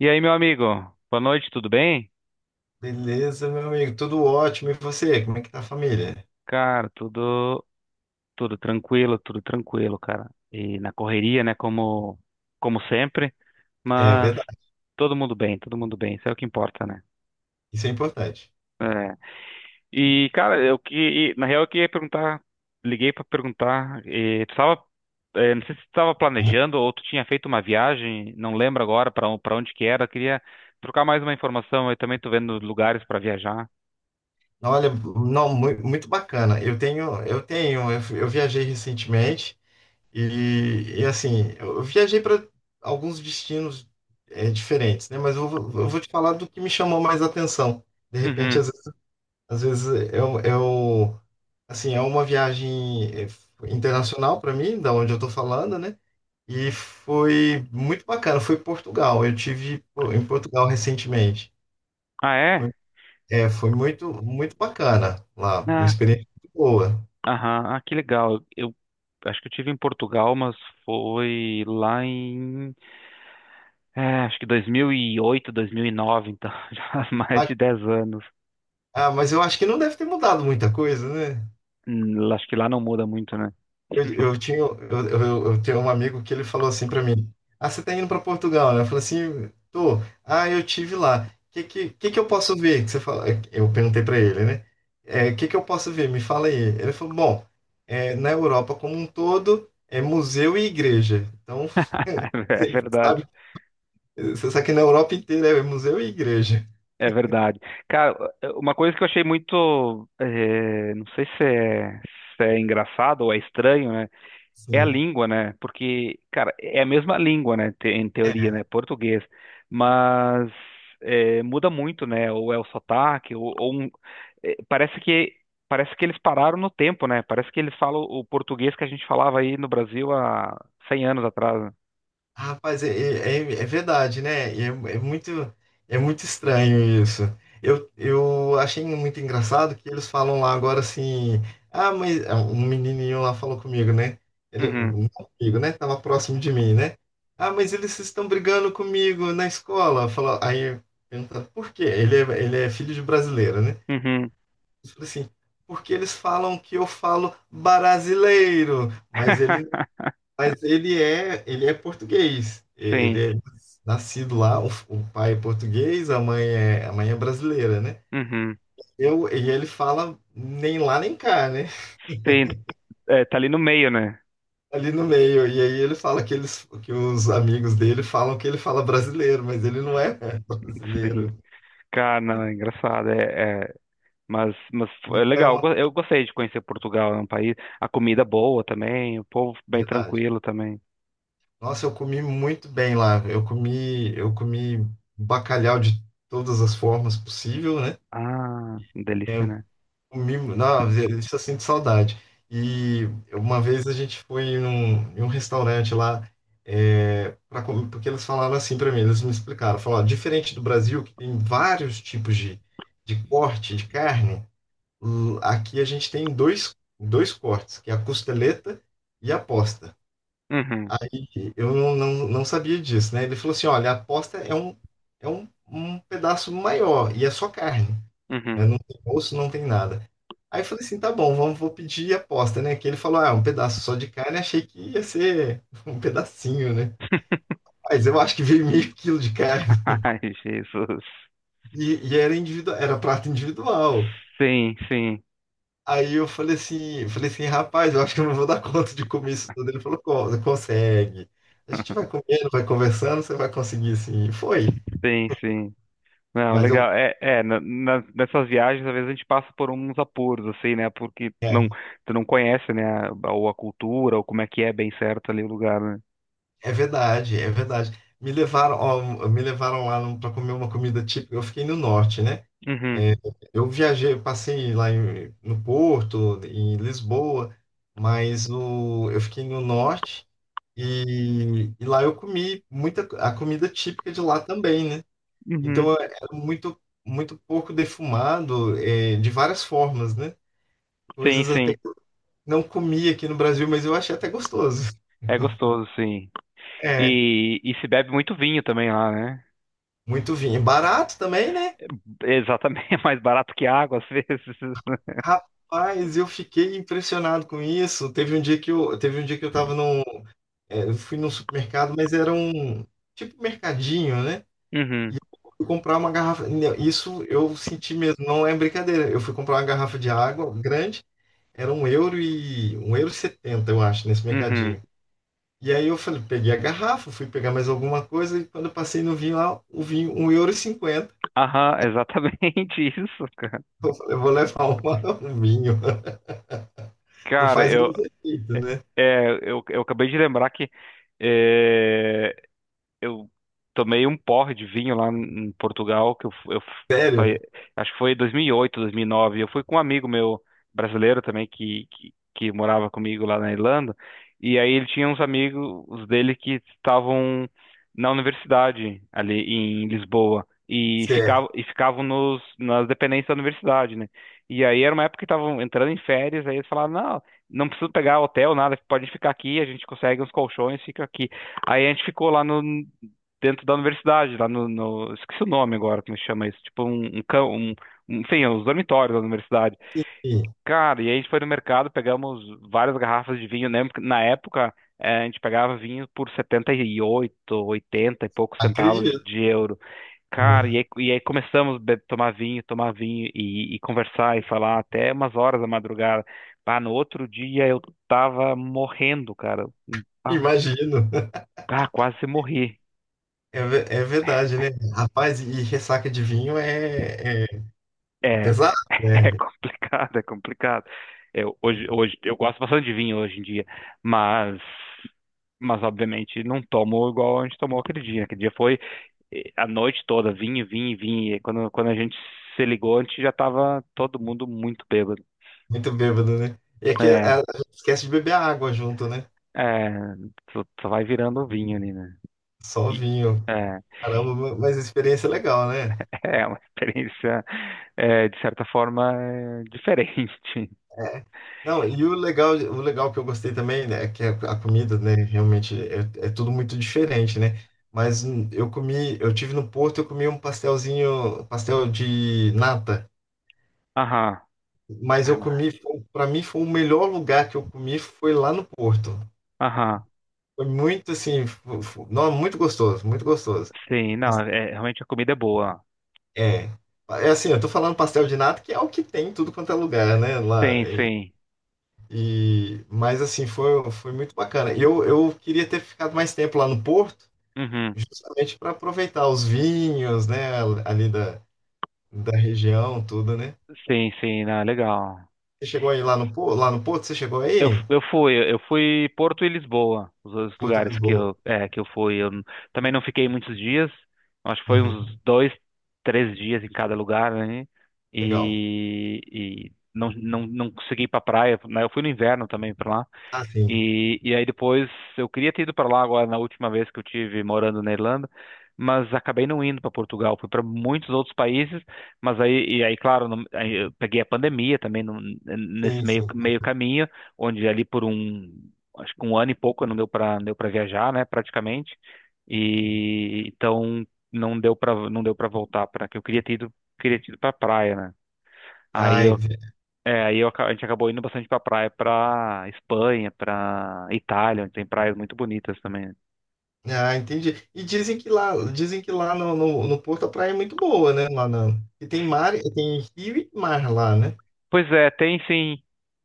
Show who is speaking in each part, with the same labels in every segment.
Speaker 1: E aí, meu amigo? Boa noite, tudo bem?
Speaker 2: Beleza, meu amigo, tudo ótimo. E você, como é que tá a família?
Speaker 1: Cara, tudo tranquilo, tudo tranquilo, cara. E na correria, né, como sempre,
Speaker 2: É
Speaker 1: mas
Speaker 2: verdade,
Speaker 1: todo mundo bem, isso é o que importa, né?
Speaker 2: isso é importante.
Speaker 1: É. E cara, na real eu queria perguntar, liguei pra perguntar, e, tu tava, não sei se tu estava planejando ou tu tinha feito uma viagem, não lembro agora para onde que era, eu queria trocar mais uma informação, eu também tô vendo lugares pra viajar.
Speaker 2: Olha, não, muito bacana. Eu tenho, eu tenho, eu, fui- eu viajei recentemente e, assim, eu viajei para alguns destinos diferentes, né? Mas eu vou te falar do que me chamou mais atenção. De repente,
Speaker 1: Uhum.
Speaker 2: às vezes eu, assim, é uma viagem internacional para mim, da onde eu estou falando, né? E foi muito bacana, foi Portugal. Eu tive pô, em Portugal recentemente.
Speaker 1: Ah, é?
Speaker 2: Foi, foi muito, muito bacana lá, uma experiência muito boa.
Speaker 1: Aham, ah, que legal. Eu acho que eu tive em Portugal, mas foi lá em, é, acho que dois mil e oito, dois mil e nove, então já há mais
Speaker 2: Ah,
Speaker 1: de 10 anos.
Speaker 2: ah, mas eu acho que não deve ter mudado muita coisa, né?
Speaker 1: Acho que lá não muda muito, né?
Speaker 2: Eu tinha, eu tenho um amigo que ele falou assim para mim: Ah, você tá indo para Portugal, né? Eu falei assim: Tô. Ah, eu tive lá. O que eu posso ver? Que você fala? Eu perguntei para ele, né? O que eu posso ver? Me fala aí. Ele falou: Bom, na Europa como um todo é museu e igreja. Então,
Speaker 1: É
Speaker 2: você
Speaker 1: verdade,
Speaker 2: sabe, você sabe que na Europa inteira é museu e igreja.
Speaker 1: é verdade. Cara, uma coisa que eu achei muito, eh, não sei se é engraçado ou é estranho, né? É a
Speaker 2: Sim.
Speaker 1: língua, né? Porque, cara, é a mesma língua, né? Em teoria, né? Português. Mas é, muda muito, né? Ou é o sotaque, ou é, parece que parece que eles pararam no tempo, né? Parece que eles falam o português que a gente falava aí no Brasil há cem anos atrás, né?
Speaker 2: Rapaz, é verdade, né? Muito, é muito estranho isso. Eu achei muito engraçado que eles falam lá agora assim. Ah, mas um menininho lá falou comigo, né? Ele,
Speaker 1: Uhum,
Speaker 2: não comigo, né? Tava próximo de mim, né? Ah, mas eles estão brigando comigo na escola. Falou, aí perguntando por quê? Ele é filho de brasileiro, né?
Speaker 1: uhum.
Speaker 2: Eu falei assim, porque eles falam que eu falo brasileiro, mas ele mas ele é português.
Speaker 1: Sim,
Speaker 2: Ele é nascido lá, o pai é português, a mãe é brasileira, né?
Speaker 1: uhum.
Speaker 2: Eu, e ele fala nem lá nem cá, né?
Speaker 1: Sim, tá ali no meio, né?
Speaker 2: Ali no meio. E aí ele fala que, eles, que os amigos dele falam que ele fala brasileiro, mas ele não é
Speaker 1: Sim.
Speaker 2: brasileiro.
Speaker 1: Cara, não, é engraçado. É, é. Mas é
Speaker 2: É
Speaker 1: legal, eu
Speaker 2: uma
Speaker 1: go- eu gostei de conhecer Portugal, é um país, a comida é boa também, o povo bem
Speaker 2: verdade.
Speaker 1: tranquilo também.
Speaker 2: Nossa, eu comi muito bem lá. Eu comi bacalhau de todas as formas possível, né?
Speaker 1: Ah,
Speaker 2: É,
Speaker 1: delícia, né?
Speaker 2: o mimo, não, isso eu sinto saudade. E uma vez a gente foi em um restaurante lá, pra comer, porque eles falaram assim para mim, eles me explicaram, falaram, "Ó, diferente do Brasil, que tem vários tipos de, corte de carne, aqui a gente tem dois cortes, que é a costeleta e a posta.
Speaker 1: Uhum,
Speaker 2: Aí eu não sabia disso, né? Ele falou assim, olha, a posta é um pedaço maior e é só carne, né?
Speaker 1: uhum.
Speaker 2: Não tem osso, não tem nada. Aí eu falei assim, tá bom, vamos, vou pedir aposta, né? Que ele falou, ah, é um pedaço só de carne, achei que ia ser um pedacinho, né? Mas eu acho que veio meio quilo de carne.
Speaker 1: Ai, Jesus.
Speaker 2: E, e era individual, era prato individual.
Speaker 1: Sim, sim,
Speaker 2: Aí eu falei assim, rapaz, eu acho que eu não vou dar conta de comer isso tudo. Ele falou, consegue. A gente vai comendo, vai conversando, você vai conseguir sim. E foi.
Speaker 1: sim, sim. Não,
Speaker 2: Mas eu,
Speaker 1: legal. É, é nessas viagens, às vezes a gente passa por uns apuros, assim, né? Porque
Speaker 2: é,
Speaker 1: não, tu não conhece, né? Ou a cultura, ou como é que é bem certo ali o lugar, né?
Speaker 2: é verdade, é verdade. Me levaram, ó, me levaram lá para comer uma comida típica. Eu fiquei no norte, né?
Speaker 1: Uhum,
Speaker 2: Eu viajei, passei lá no Porto, em Lisboa, eu fiquei no norte e lá eu comi muita a comida típica de lá também, né?
Speaker 1: uhum.
Speaker 2: Então é muito muito pouco defumado, é, de várias formas, né?
Speaker 1: Sim,
Speaker 2: Coisas até
Speaker 1: sim.
Speaker 2: que eu não comi aqui no Brasil, mas eu achei até gostoso.
Speaker 1: É gostoso, sim.
Speaker 2: É,
Speaker 1: E se bebe muito vinho também lá, né?
Speaker 2: muito vinho. E barato também, né?
Speaker 1: É, exatamente, é mais barato que água às vezes.
Speaker 2: Rapaz, eu fiquei impressionado com isso. Teve um dia que eu tava num, eu fui num supermercado, mas era um tipo mercadinho, né? E
Speaker 1: Uhum,
Speaker 2: eu fui comprar uma garrafa. Não, isso eu senti mesmo, não é brincadeira. Eu fui comprar uma garrafa de água grande, era €1,70, eu acho, nesse
Speaker 1: uhum.
Speaker 2: mercadinho. E aí eu falei, peguei a garrafa, fui pegar mais alguma coisa, e quando eu passei no vinho lá, o vinho, €1,50.
Speaker 1: Aham, exatamente isso, cara.
Speaker 2: Eu falei, eu vou levar uma, um vinho. Não
Speaker 1: Cara,
Speaker 2: faz o
Speaker 1: eu,
Speaker 2: mesmo efeito, né?
Speaker 1: é, eu, eu acabei de lembrar que é, eu tomei um porre de vinho lá em Portugal, que eu fu- foi-
Speaker 2: Sério,
Speaker 1: acho que foi 2008, dois mil e nove. Eu fui com um amigo meu brasileiro também que morava comigo lá na Irlanda, e aí ele tinha uns amigos os dele que estavam na universidade ali em Lisboa. E
Speaker 2: sério.
Speaker 1: ficavam, e ficavam nas dependências da universidade, né? E aí era uma época que estavam entrando em férias, aí eles falaram, não, não precisa pegar hotel, nada, pode ficar aqui, a gente consegue uns colchões, fica aqui. Aí a gente ficou lá no, dentro da universidade, lá no, no- esqueci o nome agora, como chama isso, tipo enfim, os dormitórios da universidade.
Speaker 2: Sim,
Speaker 1: Cara, e aí a gente foi no mercado, pegamos várias garrafas de vinho, né? Porque na época, a gente pegava vinho por 78, 80 e poucos centavos
Speaker 2: acredito,
Speaker 1: de euro. Cara, e
Speaker 2: né?
Speaker 1: aí, e aí começamos a tomar vinho e conversar e falar até umas horas da madrugada. Ah, no outro dia eu tava morrendo, cara. Ah,
Speaker 2: Imagino.
Speaker 1: ah, quase morri.
Speaker 2: É, é verdade, né? Rapaz, e ressaca de vinho é
Speaker 1: É,
Speaker 2: pesado,
Speaker 1: é
Speaker 2: né?
Speaker 1: complicado, é complicado. Hoje, eu gosto bastante de vinho hoje em dia, mas, mas obviamente não tomo igual a gente tomou aquele dia. Aquele dia foi a noite toda, vinho, vinho, vinho. E quando a gente se ligou, a gente já tava todo mundo muito bêbado.
Speaker 2: Muito bêbado, né? E é que a,
Speaker 1: É,
Speaker 2: a gente esquece de beber água junto, né?
Speaker 1: é, só vai virando um vinho ali, né?
Speaker 2: Só
Speaker 1: E,
Speaker 2: vinho.
Speaker 1: é,
Speaker 2: Caramba, mas a experiência é legal, né?
Speaker 1: é uma experiência, de certa forma, diferente.
Speaker 2: Não, e o legal que eu gostei também, né, é que a comida, né, realmente é tudo muito diferente, né? Mas eu comi, eu tive no Porto, eu comi um pastelzinho, pastel de nata,
Speaker 1: Aham,
Speaker 2: mas
Speaker 1: é,
Speaker 2: eu
Speaker 1: mano.
Speaker 2: comi, para mim foi o melhor lugar que eu comi foi lá no Porto.
Speaker 1: Aham.
Speaker 2: Foi muito assim, não, muito gostoso, muito gostoso.
Speaker 1: Sim, não, realmente a comida é boa.
Speaker 2: É, é assim, eu tô falando pastel de nata, que é o que tem em tudo quanto é lugar, né, lá.
Speaker 1: Sim, sim.
Speaker 2: Mas assim, foi muito bacana. E eu queria ter ficado mais tempo lá no Porto,
Speaker 1: Uhum.
Speaker 2: justamente para aproveitar os vinhos, né, ali da região, tudo, né?
Speaker 1: Sim, sim, não, é legal.
Speaker 2: Você chegou aí lá no Porto? Você chegou
Speaker 1: Eu,
Speaker 2: aí?
Speaker 1: eu fui, eu fui Porto e Lisboa, os dois
Speaker 2: Porto de
Speaker 1: lugares
Speaker 2: Lisboa.
Speaker 1: que eu fui. Também não fiquei muitos dias, acho que foi uns
Speaker 2: Uhum,
Speaker 1: dois, três dias em cada lugar, né?
Speaker 2: legal.
Speaker 1: E, e não, não consegui ir pra praia, né? Eu fui no inverno também pra lá.
Speaker 2: Ah, sim.
Speaker 1: E aí depois eu queria ter ido para lá agora na última vez que eu tive morando na Irlanda, mas acabei não indo para Portugal, fui para muitos outros países, mas aí claro, aí eu peguei a pandemia também nesse
Speaker 2: Sim,
Speaker 1: meio
Speaker 2: sim.
Speaker 1: meio caminho, onde ali por um acho que um ano e pouco não deu para viajar, né, praticamente. E então não deu para voltar para que eu queria ter ido para praia, né? Aí
Speaker 2: Ai,
Speaker 1: eu é, aí eu aca- a gente acabou indo bastante pra praia, pra Espanha, pra Itália, onde tem praias muito bonitas também.
Speaker 2: ah, entendi. E dizem que lá, no, no Porto a praia é muito boa, né? E tem mar, tem rio e mar lá, né?
Speaker 1: Pois é, tem sim.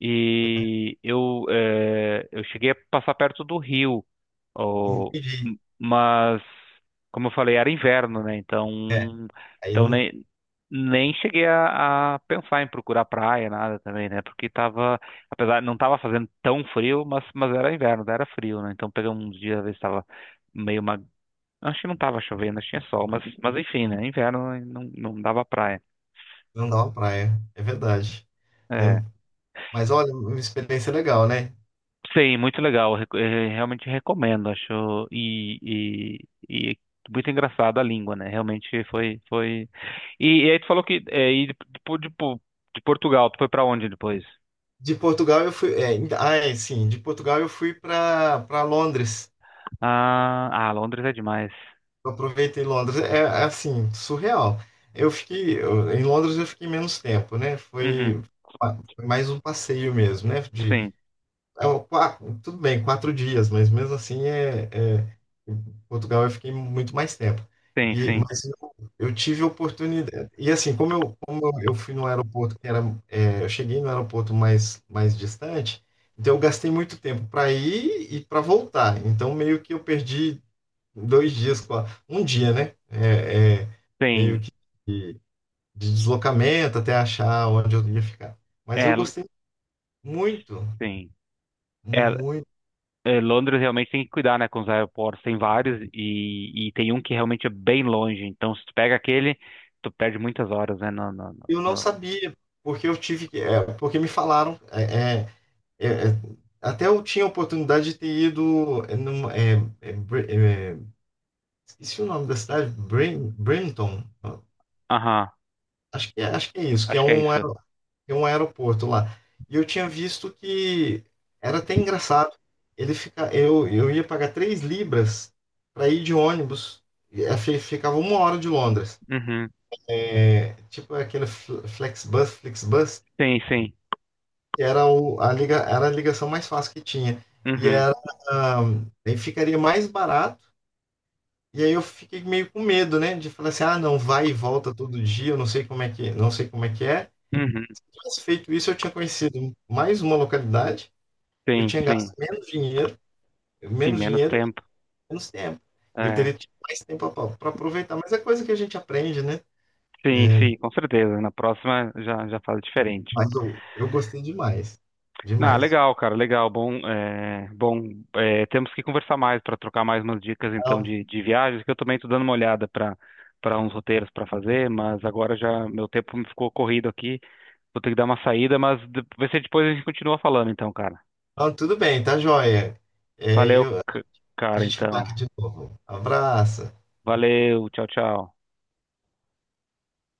Speaker 1: E eu cheguei a passar perto do Rio, ó,
Speaker 2: Entendi.
Speaker 1: mas, como eu falei, era inverno, né?
Speaker 2: É,
Speaker 1: Então,
Speaker 2: aí
Speaker 1: então
Speaker 2: não,
Speaker 1: nem, nem cheguei a pensar em procurar praia, nada também, né? Porque tava, apesar, não tava fazendo tão frio, mas era inverno, era frio, né? Então peguei uns dias, às vezes tava meio uma acho que não tava chovendo, acho que tinha sol, mas enfim, né? Inverno e não dava praia.
Speaker 2: não dá uma praia, é verdade. Né?
Speaker 1: É.
Speaker 2: Mas olha, uma experiência legal, né?
Speaker 1: Sim, muito legal. Realmente recomendo, acho. E, e muito engraçado a língua, né? Realmente foi, foi. E aí tu falou que de, de- de Portugal, tu foi pra onde depois?
Speaker 2: De Portugal eu fui, é, ainda- ah, Sim, de Portugal eu fui para Londres.
Speaker 1: Ah, ah, Londres é demais.
Speaker 2: Eu aproveitei Londres, assim, surreal. Em Londres eu fiquei menos tempo, né?
Speaker 1: Uhum.
Speaker 2: Foi mais um passeio mesmo, né?
Speaker 1: Sim,
Speaker 2: Ah, tudo bem, 4 dias, mas mesmo assim é- em Portugal eu fiquei muito mais tempo.
Speaker 1: sim,
Speaker 2: E,
Speaker 1: sim,
Speaker 2: mas eu, eu tive oportunidade. E assim, como eu fui no aeroporto que era, eu cheguei no aeroporto mais distante, então eu gastei muito tempo para ir e para voltar. Então meio que eu perdi 2 dias, um dia, né? É, meio
Speaker 1: sim.
Speaker 2: que de de deslocamento até achar onde eu ia ficar. Mas eu
Speaker 1: É,
Speaker 2: gostei muito,
Speaker 1: sim. É,
Speaker 2: muito.
Speaker 1: é, Londres realmente tem que cuidar, né, com os aeroportos. Tem vários e tem um que realmente é bem longe. Então, se tu pega aquele, tu perde muitas horas, né?
Speaker 2: Eu não sabia, porque eu tive que. Porque me falaram. É, é, até eu tinha a oportunidade de ter ido. É, Br- é, esqueci o nome da cidade, Brim, Brimton.
Speaker 1: Aham,
Speaker 2: Acho que é isso, que é
Speaker 1: acho que é
Speaker 2: um, aer-
Speaker 1: isso.
Speaker 2: é um aeroporto lá. E eu tinha visto que era até engraçado. Eu ia pagar £3 para ir de ônibus. Ficava uma hora de Londres.
Speaker 1: Uhum.
Speaker 2: É, tipo aquele Flexbus, Flixbus,
Speaker 1: Sim, sim.
Speaker 2: que era a ligação mais fácil que tinha. E
Speaker 1: Uhum.
Speaker 2: era, aí ficaria mais barato. E aí eu fiquei meio com medo, né? De falar assim, ah, não, vai e volta todo dia, eu não sei como é que, não sei como é que é.
Speaker 1: Uhum.
Speaker 2: Mas feito isso, eu tinha conhecido mais uma localidade, eu
Speaker 1: Sim,
Speaker 2: tinha
Speaker 1: sim.
Speaker 2: gasto menos dinheiro,
Speaker 1: Em
Speaker 2: menos
Speaker 1: menos
Speaker 2: dinheiro e
Speaker 1: tempo.
Speaker 2: menos tempo. Eu
Speaker 1: É.
Speaker 2: teria tido mais tempo para aproveitar, mas é coisa que a gente aprende, né?
Speaker 1: Sim,
Speaker 2: É,
Speaker 1: sim, com certeza. Na próxima já faz diferente.
Speaker 2: mas eu gostei demais,
Speaker 1: Ah,
Speaker 2: demais.
Speaker 1: legal, cara, legal. Bom, temos que conversar mais para trocar mais umas dicas então
Speaker 2: Então,
Speaker 1: de viagens, que eu também estou dando uma olhada para uns roteiros para fazer, mas agora já meu tempo me ficou corrido aqui. Vou ter que dar uma saída, mas vai ser depois, a gente continua falando então, cara.
Speaker 2: então, tudo bem, tá joia. É,
Speaker 1: Valeu,
Speaker 2: eu,
Speaker 1: c-
Speaker 2: A
Speaker 1: cara,
Speaker 2: gente fala
Speaker 1: então.
Speaker 2: aqui de novo. Abraço.
Speaker 1: Valeu, tchau, tchau.